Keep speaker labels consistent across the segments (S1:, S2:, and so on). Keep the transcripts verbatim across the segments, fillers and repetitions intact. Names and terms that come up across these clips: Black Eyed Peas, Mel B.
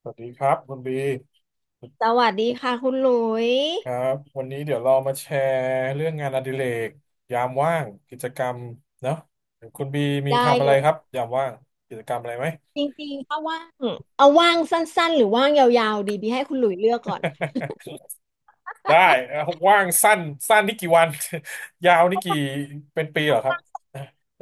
S1: สวัสดีครับคุณบี
S2: สวัสดีค่ะคุณหลุย
S1: ครับวันนี้เดี๋ยวเรามาแชร์เรื่องงานอดิเรกยามว่างกิจกรรมเนาะคุณบีมี
S2: ได้
S1: ทำอะ
S2: เล
S1: ไร
S2: ย
S1: ครับยามว่างกิจกรรมอะไรไหม
S2: จริงๆถ้าว่างเอาว่างสั้นๆหรือว่างยาวๆดีบีให้คุณหลุยเลือกก่อน
S1: ได้เอ่อว่างสั้นสั้นนี่กี่วัน ยาวนี่กี่เป็นปีเหรอครับ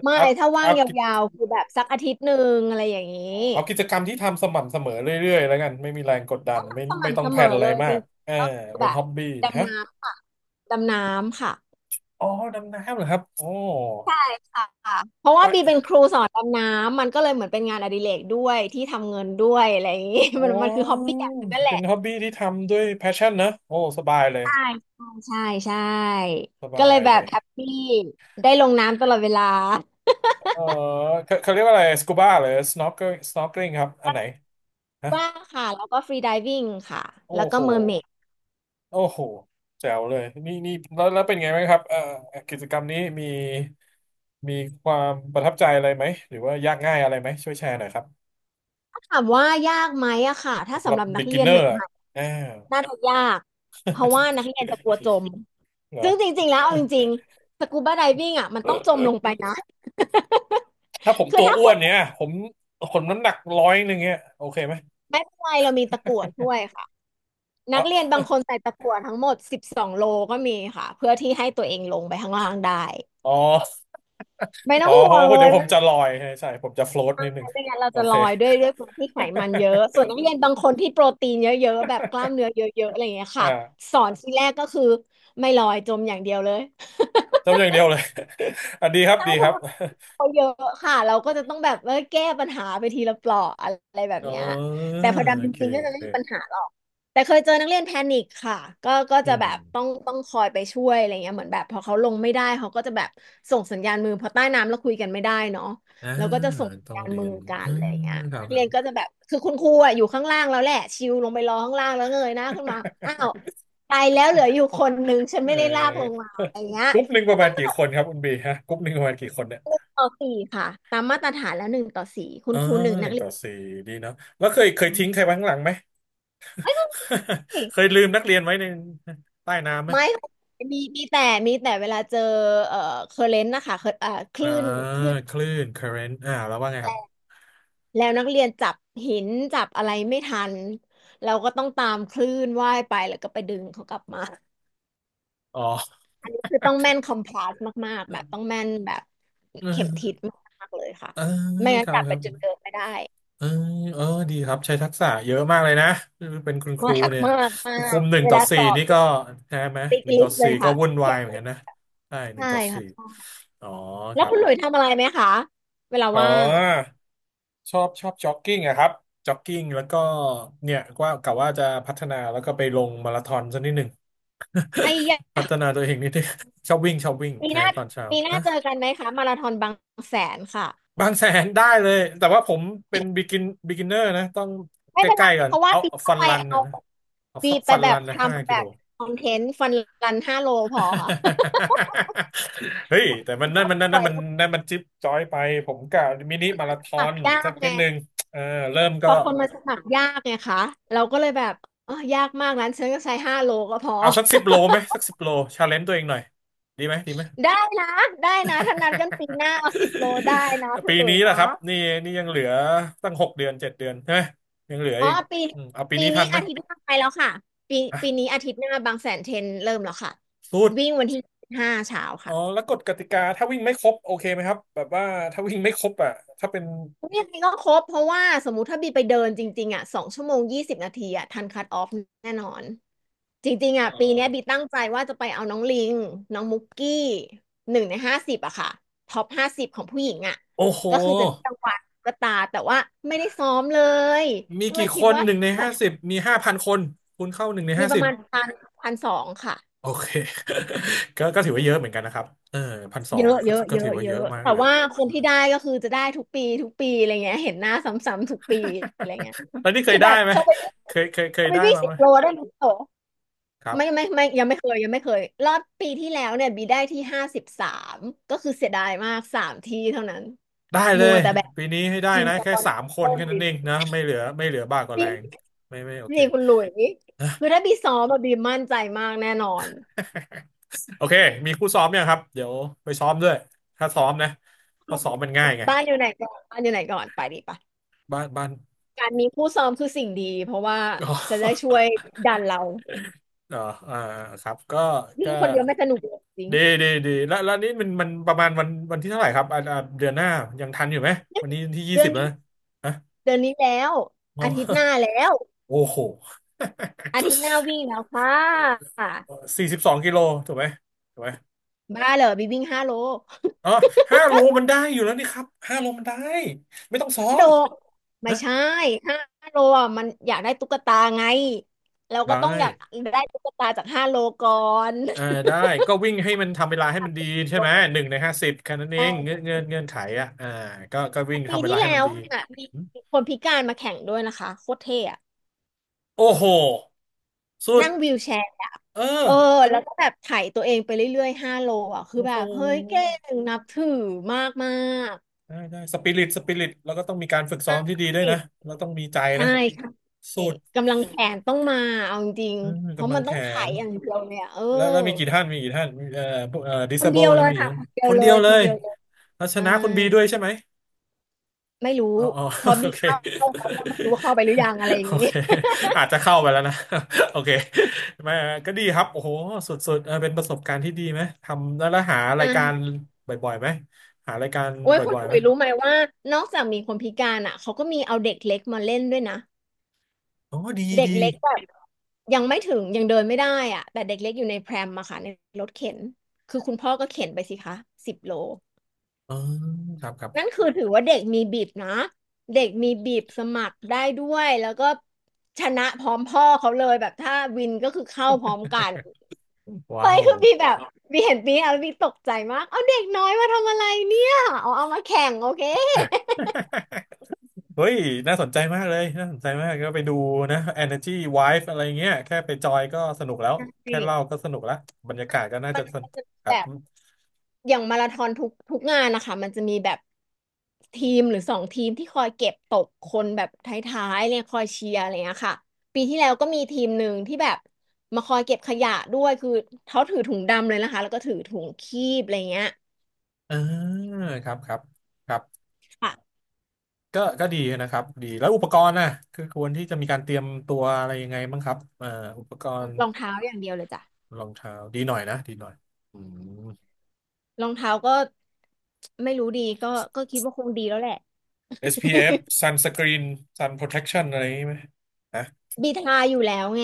S2: ไม่
S1: เอา
S2: ถ้าว่า
S1: เอา
S2: งย
S1: กิ
S2: า
S1: จ
S2: วๆคือแบบสักอาทิตย์หนึ่งอะไรอย่างนี้
S1: อ๋อเอากิจกรรมที่ทำสม่ำเสมอเรื่อยๆแล้วกันไม่มีแรงกดดันไม่
S2: ส
S1: ไม่
S2: ม่ำ
S1: ต้อง
S2: เส
S1: แพล
S2: มอ
S1: นอะไร
S2: เลย
S1: มา
S2: จริ
S1: ก
S2: ง
S1: เออ
S2: ๆก็คือ
S1: เป็
S2: แบ
S1: น
S2: บ
S1: ฮ็อบบี้ฮะ
S2: ดำน้ำค่ะดำน้ำค่ะ
S1: อ๋อดำน้ำเหรอครับโอ
S2: ใช่ค่ะเพราะว่าบีเป็
S1: ้
S2: นครูสอนดำน้ำมันก็เลยเหมือนเป็นงานอดิเรกด้วยที่ทำเงินด้วยอะไรอย่างนี้
S1: อ๋
S2: มันมันคือฮอบ
S1: อ
S2: บี้อย่างหนึงนั่นแห
S1: เป็
S2: ละ
S1: นฮ็อบบี้ที่ทำด้วยแพชชั่นนะโอ้สบายเลย
S2: ใช่ใช่ใช่
S1: ส
S2: ก็
S1: บา
S2: เล
S1: ย
S2: ยแบ
S1: เล
S2: บ
S1: ย
S2: แฮปปี้ได้ลงน้ำตลอดเวลา
S1: เออเขาเขาเรียกว่าอะไรสกูบ้าหรือสโนว์สโนว์ลิงครับอันไหนฮะ
S2: ว่างค่ะแล้วก็ฟรีไดวิ่งค่ะแล้
S1: โอ้
S2: วก็
S1: โห
S2: เมอร์เมด
S1: โอ้โหแจ๋วเลยนี่นี่แล้วแล้วเป็นไงไหมครับเอ่อกิจกรรมนี้มีมีความประทับใจอะไรไหมหรือว่ายากง่ายอะไรไหมช่วยแชร์หน่อยครับ
S2: ถ้าถามว่ายากไหมอะค่ะถ้า
S1: สำหรั
S2: สำห
S1: บ
S2: รับนักเรียนให
S1: บีกินเนอร์ อะ
S2: ม่
S1: อ้า ว
S2: ๆน่าจะยากเพราะว่านักเรียนจะกลัวจม
S1: เหรอ
S2: ซึ่งจริงๆแล้วเอาจริงๆสกูบาไดวิ่งอะมันต้องจมลงไปนะ
S1: ถ้าผ ม
S2: คือ
S1: ตัว
S2: ถ้า
S1: อ้
S2: คุ
S1: ว
S2: ณ
S1: นเนี่ยผมคนน้ำหนักร้อยหนึ่งเนี่ยโอเคไหม
S2: ไม่เป็นไรเรามีตะกั่วช่วยค่ะนั
S1: เอ
S2: กเรียนบางค
S1: า
S2: นใส่ตะกั่วทั้งหมดสิบสองโลก็มีค่ะเพื่อที่ให้ตัวเองลงไปข้างล่างได้
S1: อ๋อ
S2: ไม่ต้
S1: อ๋
S2: อ
S1: อ
S2: ง
S1: เพ
S2: ห่ว
S1: ราะ
S2: ง
S1: ว่า
S2: เล
S1: เดี๋ย
S2: ย
S1: วผมจะลอยใช่ใช่ผมจะโฟล t
S2: ไม่
S1: นิดหนึ่ง
S2: ต้องไม่งั้นเรา
S1: โอ
S2: จะล
S1: เค
S2: อยด้วยด้วยคนที่ไขมันเยอะ ส่วนนักเรียนบางคนที่โปรตีนเยอะๆแบบกล้ามเนื้อเยอะๆอะไรอย่างเงี้ยค่ะ
S1: อ่า
S2: สอนทีแรกก็คือไม่ลอยจมอย่างเดียวเลย
S1: ทำอย่างเดียวเลย อ่ะดีครับดีครับ
S2: เขาเยอะค่ะเราก็จะต้องแบบว่าแก้ปัญหาไปทีละเปลาะอะไรแบบ
S1: อ๋
S2: เนี้ย
S1: อ
S2: แต่พอ
S1: โอ
S2: ดำจ
S1: เค
S2: ริงๆก็
S1: โอ
S2: จะไม่มีปัญ
S1: เค
S2: หาหรอกแต่เคยเจอนักเรียนแพนิคค่ะก็ก็
S1: อื
S2: จะแบ
S1: ม
S2: บต้องต้องคอยไปช่วยอะไรเงี้ยเหมือนแบบพอเขาลงไม่ได้เขาก็จะแบบส่งสัญญาณมือพอใต้น้ำแล้วคุยกันไม่ได้เนาะ
S1: อ่า
S2: แล้วก็จะส่งสัญ
S1: ต้อง
S2: ญาณ
S1: เรี
S2: มื
S1: ย
S2: อ
S1: น
S2: กัน
S1: อ่า
S2: อะไรเงี้ย
S1: ครับ
S2: นัก
S1: ครั
S2: เรีย
S1: บ
S2: นก็จะแบบคือคุณครูอะอยู่ข้างล่างแล้วแหละชิวลงไปรอข้างล่างแล้วเงยหน้าขึ้นมาอ้าวตายแล้วเหลืออยู่คนหนึ่งฉัน
S1: เอ่อ
S2: ไม่ได้ลากลงมา อะไรเงี้ย
S1: กรุ๊ปหนึ่งป
S2: ก็
S1: ระมา
S2: ต้อ
S1: ณ
S2: ง
S1: กี่คนครับคุณบีฮะกรุ๊ปหนึ่งประมาณกี่คนเนี่ย
S2: ต่อสี่ค่ะตามมาตรฐานแล้วหนึ่งต่อสี่คุ
S1: อ๋
S2: ณ
S1: อ
S2: ครูหนึ่ง
S1: ห
S2: นั
S1: นึ่
S2: ก
S1: ง
S2: เรี
S1: ต่
S2: ย
S1: อ
S2: น
S1: สี่ดีเนาะแล้วเคยเคยทิ้งใครไว้ข้างหลังไหม
S2: ไม่ต้องสิ
S1: เคยลืมนักเรียนไว้ในใต้น้ำไหม
S2: ไม่มีมีแต่มีแต่เวลาเจอเอ่อเคอร์เรนต์นะคะเคอร์เอ่อค
S1: อ่า
S2: ลื่นคลื่น
S1: คลื่น เคอร์เรนต์ อ่าแล้วว่าไงค
S2: แร
S1: รับ
S2: งแล้วนักเรียนจับหินจับอะไรไม่ทันเราก็ต้องตามคลื่นว่ายไปแล้วก็ไปดึงเขากลับมา
S1: อ๋อ
S2: คือต้องแม่นคอมพลาสมากๆแบบต้องแม่นแบบ
S1: เอ
S2: เข็มทิศ
S1: อ
S2: มากๆเลยค่ะ
S1: เออ
S2: ไม่งั้
S1: ค
S2: น
S1: รับ
S2: จับ
S1: ค
S2: ไป
S1: รับ
S2: จุดเดิมไม่ได้
S1: เออเออดีครับใช้ทักษะเยอะมากเลยนะเป็นคุณครู
S2: มาก
S1: เนี่ย
S2: มากมา
S1: คุ
S2: ก
S1: มหนึ่ง
S2: เว
S1: ต่อ
S2: ลาส
S1: สี่
S2: อบ
S1: นี่ก็ใช่ไหม
S2: ติ๊ก
S1: หนึ่ง
S2: ลิ
S1: ต่อ
S2: สต์เล
S1: สี่
S2: ย
S1: ก็
S2: ค่ะ
S1: วุ่นวายเหมือนกันนะใช่หนึ่ง
S2: ใช่
S1: ต่อ
S2: ค
S1: สี่
S2: ่ะ
S1: อ๋อค
S2: แล้ว
S1: รับ
S2: คุณหลุยทำอะไรไหมคะเวลา
S1: อ๋อ
S2: ว่าง
S1: ชอบชอบจ็อกกิ้งอะครับจ็อกกิ้งแล้วก็เนี่ยว่ากะว่าจะพัฒนาแล้วก็ไปลงมาราธอนสักนิดหนึ่ง
S2: ไอ้ยะ
S1: พัฒนาตัวเองนิดนึงชอบวิ่งชอบวิ่ง
S2: ปี
S1: ใช่
S2: หน้า
S1: ตอนเช้า
S2: ปีหน้าเจอกันไหมคะมาราธอนบางแสนค่ะ
S1: บางแสนได้เลยแต่ว่าผมเป็นบิกินบิกินเนอร์นะต้อง
S2: ไม่
S1: ใก
S2: เป็นไร
S1: ล้ๆก่อน
S2: เพราะว่า
S1: เอา
S2: ปีห
S1: ฟั
S2: น้า
S1: น
S2: ไป
S1: รัน
S2: เอา
S1: นะนะเอา
S2: ปี
S1: สัก
S2: ไป
S1: ฟัน
S2: แบ
S1: รั
S2: บ
S1: น
S2: ท
S1: นะห้า
S2: ำแบ
S1: กิโล
S2: บคอนเทนต์ฟันรันห้าโลพอค่ะ
S1: เฮ้ยแต่มัน
S2: ช
S1: นั่น
S2: อบ
S1: มัน
S2: ส
S1: นั่น
S2: ว
S1: นั่น
S2: ย
S1: มัน
S2: แล้ว
S1: นั่นมันจิ๊บจ้อยไปผมกะมินิมา
S2: ส
S1: ราธอ
S2: มัค
S1: น
S2: รยา
S1: สัก
S2: กไง
S1: นิดนึงเออเริ่ม
S2: พ
S1: ก็
S2: อคนมาสมัครยากไงคะเราก็เลยแบบเออยากมากนั้นฉันก็ใช้ห้าโลก็พอ
S1: เอาสักสิบโลไหมสักสิบโลชาเลนจ์ตัวเองหน่อยดีไหมดีไหม
S2: ได้นะได้นะถ้านัดกันปีหน้าเอาสิบโลได้นะ คุณ
S1: ปี
S2: หลุ
S1: นี้
S2: ย
S1: แหละค
S2: นะ
S1: รับนี่นี่ยังเหลือตั้งหกเดือนเจ็ดเดือนใช่ไหมยังเหลือ
S2: อ๋อ
S1: อีก
S2: ปี
S1: อืมเอาปี
S2: ปี
S1: นี้ทั
S2: นี้
S1: นไหม
S2: อาทิตย์หน้าไปแล้วค่ะปีปีนี้
S1: อ่ะ
S2: อาทิตย์หน้าบางแสนเทรนเริ่มแล้วค่ะ
S1: สู้
S2: วิ่งวันที่ห้าเช้า
S1: อ๋อ
S2: ค่ะ
S1: แล้วกฎกติกาถ้าวิ่งไม่ครบโอเคไหมครับแบบว่าถ้าวิ่งไม่ครบอ่ะถ้าเป็น
S2: ยังไงก็ครบเพราะว่าสมมุติถ้าบีไปเดินจริงๆอ่ะสองชั่วโมงยี่สิบนาทีอ่ะทันคัทออฟแน่นอนจริงๆ
S1: เอ่
S2: อ่ะปี
S1: อ
S2: เนี้ยบีตั้งใจว่าจะไปเอาน้องลิงน้องมุกกี้หนึ่งในห้าสิบอะค่ะท็อปห้าสิบของผู้หญิงอ่ะ
S1: โอ้โห
S2: ก็คือจะได้รางวัลตุ๊กตาแต่ว่าไม่ได้ซ้อมเลย
S1: มี
S2: ก็เล
S1: กี่
S2: ยคิ
S1: ค
S2: ด
S1: น
S2: ว่า
S1: หนึ่งในห้าสิบมีห้าพันคนคูณเข้าหนึ่งใน
S2: มี
S1: ห้า
S2: ป
S1: สิ
S2: ระ
S1: บ
S2: มาณพันพันสองค่ะ
S1: โอเค ก็ก็ถือว่าเยอะเหมือนกันนะครับเออพันสอ
S2: เย
S1: ง
S2: อะ
S1: ก็
S2: เยอะ
S1: ก็
S2: เย
S1: ถือ
S2: อะ
S1: ว่า
S2: เย
S1: เย
S2: อะ
S1: อะมาก
S2: แต่
S1: นะ
S2: ว่าคนที่ได้ก็คือจะได้ทุกปีทุกปีอะไรเงี้ยเห็นหน้าซ้ำๆทุกปีอะไรเงี้ย
S1: แล้วนี่เค
S2: คื
S1: ย
S2: อ
S1: ได้
S2: แบบ
S1: ไหม
S2: เธอไป
S1: เคยเคยเค
S2: เธ
S1: ย
S2: อไป
S1: ได้
S2: วิ่ง
S1: มา
S2: สิ
S1: ไหม
S2: บโลได้ไหมโต
S1: ครั
S2: ไม่ไม่
S1: บ
S2: ไม่ยังไม่เคยยังไม่เคยรอบปีที่แล้วเนี่ยบีได้ที่ห้าสิบสามก็คือเสียดายมากสามที่เท่านั้น
S1: ได้เล
S2: มัว
S1: ย
S2: แต่แบบ
S1: ปีนี้ให้ได้
S2: จิม
S1: นะ
S2: สป
S1: แค่
S2: อน
S1: สามค
S2: เซอ
S1: น
S2: ร์
S1: แค่
S2: บี
S1: นั้นเองนะไม่เหลือไม่เหลือบ้ากว่าแรงไม่ไม่โอเค
S2: นี่คุณหลุยคือถ้าบีซ้อมอะบีมั่นใจมากแน่นอน
S1: โอเคมีคู่ซ้อมยังครับเดี๋ยวไปซ้อมด้วยถ้าซ้อมนะเพราะซ้อมมันง่ายไง
S2: บ้านอยู่ไหนก่อนบ้านอยู่ไหนก่อนไปดีปะ
S1: บ้านบ้าน
S2: การมีคู่ซ้อมคือสิ่งดีเพราะว่า
S1: อ๋
S2: จะได้ช่
S1: อ
S2: วยดันเรา
S1: เอออ่าครับก็
S2: วิ่
S1: ก็
S2: งคนเดียวไม่สนุกเลยจริง
S1: ดีดีดีแล้วแล้วนี่มันมันประมาณวันวันที่เท่าไหร่ครับอ่าอ่าเดือนหน้ายังทันอยู่ไหม วันนี้ที่ยี่
S2: เดือ
S1: สิบ
S2: น
S1: แล้ว
S2: นี้
S1: นะฮะ
S2: เดือนนี้แล้ว
S1: อ๋อ
S2: อาทิตย์หน้าแล้ว
S1: โอ้โห
S2: อาทิตย์หน้าวิ่งแล้วค่ะ
S1: สี่สิบสองกิโลถูกไหมถูกไหม
S2: บ้าเหรอบีวิ่งห้าโล
S1: อ๋อห้าโลมันได้อยู่แล้วนี่ครับห้าโลมันได้ ไม่ต้องซ้อ
S2: โด
S1: ม
S2: ดไม่
S1: นะ
S2: ใช่ห้าโลอ่ะมันอยากได้ตุ๊กตาไงเราก็
S1: ได้
S2: ต้องอยากได้ตุ๊กตาจากห้าโลก่อน
S1: เออได้ก็วิ่งให้มันทำเวลาให้
S2: อยา
S1: มั
S2: ก
S1: นดี
S2: ได้ตุ๊ก
S1: ใช่
S2: ต
S1: ไหมห
S2: า
S1: นึ่งในห้าสิบแค่นั้นเองเงื่อ
S2: ใช่
S1: นเงื่อนเงื่อนไขอ่ะอ่าก็ก็วิ่
S2: แต่
S1: ง
S2: ปี
S1: ทำเวลา
S2: ที่
S1: ให้
S2: แล้
S1: มัน
S2: ว
S1: ดี
S2: อ่ะมีคนพิการมาแข่งด้วยนะคะโคตรเท่อะ
S1: โอ้โหสุด
S2: นั่งวีลแชร์อะ
S1: เออ
S2: เออแล้วก็แบบไถ่ตัวเองไปเรื่อยๆห้าโลอ่ะคือ
S1: โอ้
S2: แบ
S1: โห
S2: บเฮ้ยเก่งนับถือมากมาก
S1: ได้ได้สปิริตสปิริตแล้วก็ต้องมีการฝึกซ้อมที่ดีด้วย
S2: เอ
S1: นะ
S2: ก
S1: แล้วต้องมีใจ
S2: ใช่
S1: นะ
S2: ค่ะ
S1: สุ
S2: เอก
S1: ด
S2: กำลังแขนต้องมาเอาจริง
S1: อืม
S2: ๆเพราะ
S1: กำลั
S2: มั
S1: ง
S2: น
S1: แข
S2: ต้องไถ่
S1: น
S2: อย่างเดียวเลยอ่ะเออ
S1: แล้วแล้วมีกี่ท่านมีกี่ท่านมีเอ่อพวกเอ่อดิ
S2: ค
S1: ส
S2: น
S1: เบ
S2: เดีย
S1: ล
S2: วเล
S1: นี่
S2: ย
S1: มีเย
S2: ค่ะ
S1: อะ
S2: คนเดีย
S1: ค
S2: ว
S1: น
S2: เล
S1: เดียว
S2: ย
S1: เล
S2: คน
S1: ย
S2: เดียวเลย
S1: แล้วช
S2: ใช่
S1: นะคุณบีด้วยใช่ไหม
S2: ไม่รู้
S1: อ๋อ อ๋อ
S2: พอ
S1: โอ
S2: มี
S1: เค
S2: เข้าเขาก็ไม่รู้ว่าเข้าไปหรือยังอะไรอ
S1: โอ
S2: ย่างนี้
S1: เคอาจจะเข้าไปแล้วนะ โอเคไม่ก็ดีครับโอ้โหสุดๆเออเป็นประสบการณ์ที่ดีไหมทำแล้วแล้วหา
S2: อ่
S1: รายการ
S2: า
S1: บ่อยๆไหมหารายการ
S2: โอ้ยคุณ
S1: บ่อยๆ
S2: ถุ
S1: ไหม
S2: ยรู้ไหมว่านอกจากมีคนพิการอ่ะเขาก็มีเอาเด็กเล็กมาเล่นด้วยนะ
S1: อ๋อดี
S2: เด็ก
S1: ดี
S2: เล็กแบบยังไม่ถึงยังเดินไม่ได้อ่ะแต่เด็กเล็กอยู่ในแพรมมะค่ะในรถเข็นคือคุณพ่อก็เข็นไปสิคะสิบโล
S1: อ๋อครับครับ
S2: นั่นคือถือว่าเด็กมีบีบนะเด็กมีบีบสมัครได้ด้วยแล้วก็ชนะพร้อมพ่อเขาเลยแบบถ้าวินก็คือเข้าพร้อมกันเฮ้
S1: ว้า
S2: ย
S1: ว
S2: คือบีแบ บบีเห็นบีอะบีตกใจมากเอาเด็กน้อยมาทำอะไรเนี่ยเอาเอามาแข่งโอเค
S1: เฮ้ยน่าสนใจมากเลยน่าสนใจมากก็ไปดูนะ เอเนอร์จี้ ไวฟ์ อะไรเงี้ยแค่ไปจอยก็สนุกแล้วแค่
S2: นี่
S1: เล่าก็สนุกแล้วบรรยากาศก็น่า
S2: มั
S1: จะ
S2: น
S1: สนุก
S2: จะ
S1: ครั
S2: แบ
S1: บ
S2: บ อย่างมาราธอนทุกทุกงานนะคะมันจะมีแบบทีมหรือสองทีมที่คอยเก็บตกคนแบบท้ายๆเนี่ยคอยเชียร์อะไรเงี้ยค่ะปีที่แล้วก็มีทีมหนึ่งที่แบบมาคอยเก็บขยะด้วยคือเขาถือถุงดำเลยนะคะแล้วก็ถือถุงคีบอะไรเงี้ย
S1: เออครับครับครับ
S2: ค่ะ
S1: ก็ก็ดีนะครับดีแล้วอุปกรณ์น่ะคือควรที่จะมีการเตรียมตัวอะไรยังไงบ้างครับเอ่ออุปกรณ์
S2: รองเท้าอย่างเดียวเลยจ้ะ
S1: รองเท้าดีหน่อยนะดีหน่อยอืม
S2: รองเท้าก็ไม่รู้ดีก็ก็คิดว่าคงดีแล้วแหละ
S1: เอส พี เอฟ sunscreen sun protection อะไรอย่างนี้ไหมฮะ
S2: บีทาอยู่แล้วไง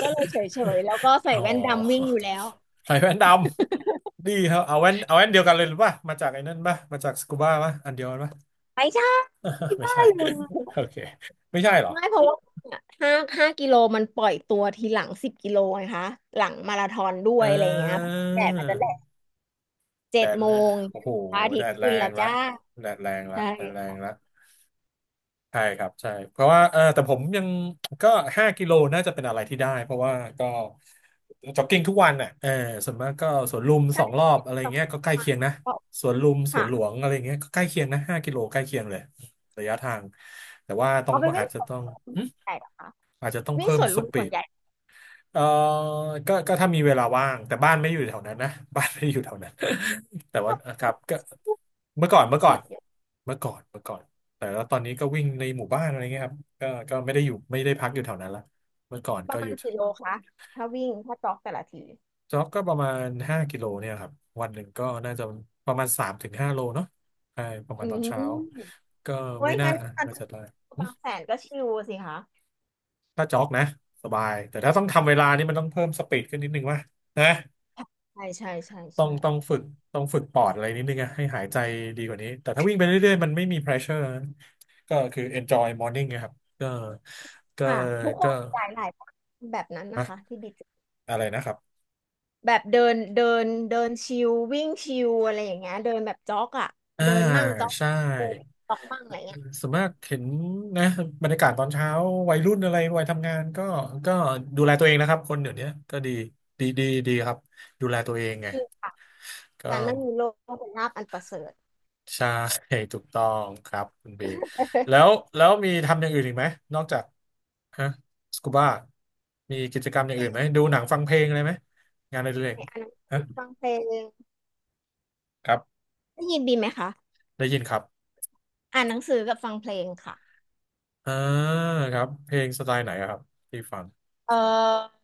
S2: ก็เลยเฉยๆแล้วก็ ใส่
S1: อ๋อ
S2: แว่นดำวิ่งอยู่แล้ว
S1: ใส่แว่นดำดีครับเอาแว่นเอาแว่นเดียวกันเลยหรือป่ะมาจากไอ้นั่นป่ะมาจากสกูบ้าป่ะอันเดียวกันป่ะ
S2: ไปจ้า ที่
S1: ไม่
S2: บ้า
S1: ใช่
S2: นเลย
S1: โอเคไม่ใช่เหรอ
S2: ไม่เพราะว่าห้าห้ากิโลมันปล่อยตัวทีหลังสิบกิโลไงคะหลังมาราธอนด้ว
S1: เอ
S2: ยอะไรเงี้ยแดดมันจะแด
S1: อ
S2: ดเจ็
S1: แด
S2: ด
S1: ด
S2: โม
S1: แรง
S2: ง
S1: โอ้โห
S2: พระอาทิ
S1: แด
S2: ตย์
S1: ดแร
S2: ขึ้น
S1: ง
S2: แล้ว
S1: ละ
S2: จ้า
S1: แดดแรงละ
S2: ใช
S1: แดดแร
S2: ่
S1: งละใช่ครับใช่เพราะว่าเออแต่ผมยังก็ห้ากิโลน่าจะเป็นอะไรที่ได้เพราะว่าก็จ็อกกิ้งทุกวันน่ะเออส่วนมากก็สวนลุมส
S2: ใช่
S1: องรอบอะไร
S2: ส
S1: เงี้ยก็ใกล้เคียงนะ
S2: อง
S1: สวนลุมสวนหลว
S2: ค่ะ
S1: งอะไรเงี้ยก็ใกล้เคียงนะห้ากิโลใกล้เคียงเลยระยะทางแต่ว่าต้อง
S2: เอาไปวิ่
S1: อา
S2: ง
S1: จจะ
S2: สวน
S1: ต้อง
S2: ลุม
S1: หึ
S2: ใหญ่เหรอคะ
S1: อาจจะต้อง
S2: วิ่ง
S1: เพิ่
S2: ส
S1: ม
S2: วน
S1: ส
S2: ลุม
S1: ปี
S2: ส่วน
S1: ด
S2: ใหญ่
S1: เออก็ก็ถ้ามีเวลาว่าง แต่บ้านไม่อยู่แถวนั้นนะ บ้านไม่อยู่แถวนั้น แต่
S2: ช
S1: ว่า
S2: อบ
S1: ครับก็เมื่อก่อนเมื่อก่อ
S2: สุ
S1: น
S2: ดเนี่ย
S1: เมื่อก่อนเมื่อก่อนแต่แล้วตอนนี้ก็วิ่งในหมู่บ้านอะไรเงี้ยครับก็ก็ไม่ได้อยู่ไม่ได้พักอยู่แถวนั้นละเมื่อก่อน
S2: ป
S1: ก็
S2: ระ
S1: อ
S2: มาณ
S1: ยู่
S2: กี่โลคะถ้าวิ่งถ้าจ็อกแต่ละที
S1: จ็อกก็ประมาณห้ากิโลเนี่ยครับวันหนึ่งก็น่าจะประมาณสามถึงห้าโลเนาะใช่ประมา
S2: อื
S1: ณตอนเช้า
S2: ม
S1: ก็
S2: โอ้
S1: ไม่
S2: ย
S1: น่า
S2: งั้นการ
S1: น่าจะได้
S2: บางแสนก็ชิลสิคะ
S1: ถ้าจ็อกนะสบายแต่ถ้าต้องทำเวลานี่มันต้องเพิ่มสปีดขึ้นนิดนึงว่ะนะ
S2: ใช่ใช่ใช่
S1: ต้อง
S2: ใช่
S1: ต้องฝึกต้องฝึกปอดอะไรนิดนึงอะให้หายใจดีกว่านี้แต่ถ้าวิ่งไปเรื่อยๆมันไม่มี pressure นะก็คือ enjoy morning นะครับก็ก็
S2: ค่ะทุกค
S1: ก็
S2: นหลายหลายแบบนั้นนะ
S1: อะ
S2: คะที่บิด
S1: อะไรนะครับ
S2: แบบเดินเดินเดินชิลวิ่งชิลอะไรอย่างเงี้ยเดินแบบจ็อกอ่ะ
S1: อ่า
S2: เดินมั่งจ็อก
S1: ใช่
S2: เดินจ็อกมั่งอะไรเงี้ย
S1: ส่วนมากเห็นนะบรรยากาศตอนเช้าวัยรุ่นอะไรวัยทำงานก็ก็ดูแลตัวเองนะครับคนเดี๋ยวนี้ก็ดีดีดีดีครับดูแลตัวเองไง
S2: จริงค่ะ
S1: ก็
S2: การไม่มีโรคเป็นลาภอันประเสริฐ
S1: ใช่ ถูกต้องครับคุณบีแล้วแล้วมีทำอย่างอื่นอีกไหมนอกจากฮะสกูบ้ามีกิจกรรมอย่า
S2: เพ
S1: ง
S2: ล
S1: อื่นไหม
S2: ง
S1: ดูหนังฟังเพลงอะไรไหมงานอะไรเล็ก
S2: อ่านหนัง
S1: ฮะ
S2: สือฟังเพลง
S1: ครับ
S2: ได้ยินดีไหมคะ
S1: ได้ยินครับ
S2: อ่านหนังสือกับฟังเพลงค่ะ
S1: อ่าครับเพลงสไตล์ไหนอะครับที่ฟัง
S2: เออ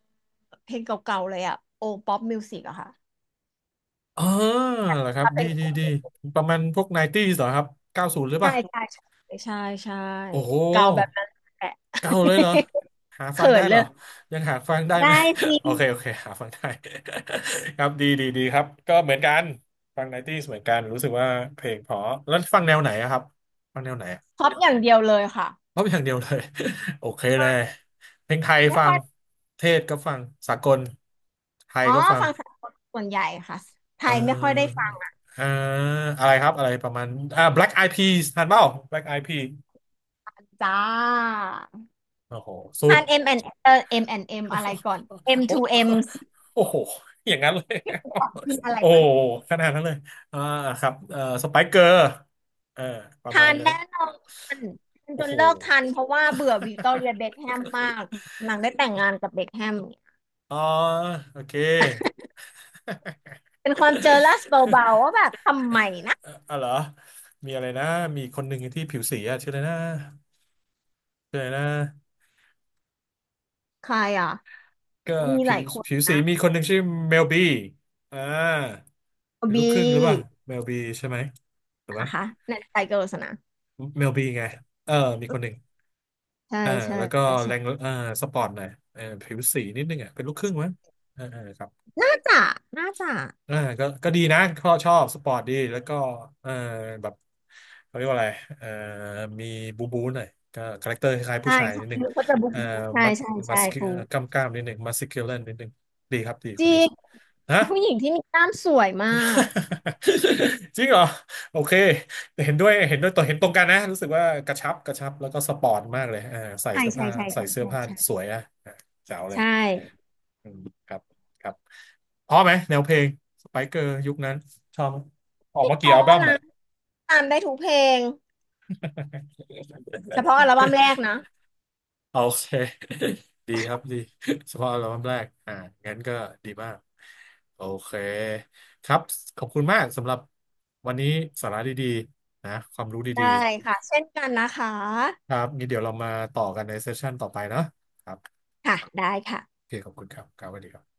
S2: เพลงเก่าๆเลยอ่ะโอป๊อปมิวสิกอะค่ะ
S1: อ๋อเหรอครับ
S2: ถ้า
S1: ดี
S2: เป็น
S1: ดีดีประมาณพวกไนตี้เหรอครับเก้าศูนย์หรือเป
S2: ใช่
S1: ล่า
S2: ใช่ใช่ใช่ใช่
S1: โอ้โห
S2: เก่าแบบนั้นแหละ
S1: เก่าเลยเหรอหา ฟัง
S2: เขิ
S1: ได้
S2: นเล
S1: เหรอ
S2: ย
S1: ยังหาฟังได้ไหม
S2: ได้สิ
S1: โอเคโอเคหาฟังได้ ครับดีดีดีครับก็เหมือนกันฟังไนตี้เหมือนกันรู้สึกว่าเพลงเพอแล้วฟังแนวไหนอะครับฟังแนวไหนอะ
S2: ครอปอย่างเดียวเลยค่ะ
S1: เพราะอย่างเดียวเลย โอเคเลยเพลงไทย
S2: ไม่
S1: ฟั
S2: ค่
S1: ง
S2: อย
S1: เทศก็ฟังสากลไทย
S2: อ๋อ
S1: ก็ฟัง
S2: ฟังสากลส่วนใหญ่ค่ะไท
S1: เอ
S2: ยไม่ค่อยได้
S1: อ
S2: ฟัง
S1: เอออะไรครับอะไรประมาณอ่า Black Eyed Peas ทันเปล่า Black Eyed Peas
S2: จ้า
S1: โอ้โหสุด
S2: ทาน M นด์เอเอ เอ็ม แอนด์ เอ็ม อนด์เอ็มอะไรก่อน M
S1: โอ้
S2: to M
S1: โอ้โหอย่างนั้นเลย
S2: พี่คุณตอบกินอะไร
S1: โอ้
S2: มัน
S1: ขนาดนั้นเลยอ่าครับเอ่อสไปเกอร์เออประ
S2: ทา
S1: มาณ
S2: น
S1: นั้น
S2: แน่นอนทานจ
S1: โอ้
S2: น
S1: โห
S2: เลิกทันเพราะว่าเบื่อวิกตอเรียเบ็คแฮมมากนางได้แต่งงานกับเบ็คแฮม
S1: อ๋อโอเค
S2: เป็นความเจอลัสเบาๆว่าแบบทำไมนะ
S1: เอ่ออ๋อเหรอมีอะไรนะมีคนหนึ่งที่ผิวสีอะชื่ออะไรนะชื่ออะไรนะ
S2: ใครอ่ะ
S1: ก็
S2: มันมีห
S1: ผิ
S2: ลา
S1: ว
S2: ยคน
S1: ผิวสี
S2: นะ
S1: มีคนหนึ่งชื่อเมลบีอ่าเป็นลูก
S2: บี
S1: ครึ่งหรือเปล่าเมลบีใช่ไหมถูกไหม
S2: นะคะในไทเกอร์สนะ
S1: เมลบีไง เออมีคนหนึ่ง
S2: ใช่
S1: อ่า
S2: ใช่
S1: แล้วก็แร
S2: ใช่
S1: งอ่าสปอร์ตหน่อยเออผิวสีนิดนึงอ่ะเป็นลูกครึ่งมั้งเออเออครับ
S2: น่าจะน่าจะ
S1: อ่าก็ก็ดีนะชอบชอบสปอร์ตดีแล้วก็เออแบบเขาเรียกว่าอะไรเออมีบูบูหน่อยก็คาแรคเตอร์คล้ายๆผู้
S2: ใช่
S1: ชายนิ
S2: ใช่
S1: ดนึง
S2: เขาจะบุ๊ก
S1: เออ
S2: บุ๊กใช่
S1: มัด
S2: ใช่
S1: มั
S2: ใช่
S1: ส
S2: ครู
S1: กล้ามกล้ามๆนิดนึงมัสคิวเลนนิดนึงดีครับดี
S2: จ
S1: คน
S2: ริ
S1: นี้
S2: ง
S1: ฮะ
S2: ผู้หญิงที่มีกล้ามสวยมาก
S1: จริงเหรอโอเคแต่เห็นด้วยเห็นด้วยตัวเห็นตรงกันนะรู้สึกว่ากระชับกระชับแล้วก็สปอร์ตมากเลยอ่าใส่
S2: ใช่
S1: เสื้อ
S2: ใช่
S1: ผ้า
S2: ใช่
S1: ใส่
S2: ใช่
S1: เสื้อ
S2: ใช่
S1: ผ้า
S2: ใช่
S1: สวยอ่ะอ่าแจ๋วเลย
S2: ใช่
S1: อืมครับครับพอไหมแนวเพลงสไปเกอร์ยุคนั้นชอบไหมออกมา
S2: เพ
S1: กี่อั
S2: ราะ
S1: ลบั้ม
S2: นะ
S1: อ่ะ
S2: ตามได้ทุกเพลงเฉพาะอัลบั้มแรก นะ
S1: โอเค ดีครับดี เฉพาะอัลบั้มแรกอ่างั้นก็ดีมาก โอเค ครับ ขอบคุณมากสำหรับวันนี้สาระดีๆนะความรู้ดี
S2: ได้ค่ะเช่นกันนะคะ
S1: ๆครับงี้เดี๋ยวเรามาต่อกันในเซสชั่นต่อไปเนอะครับ
S2: ค่ะได้ค่ะ
S1: โอเค ขอบคุณครับครับสวัสดีครับ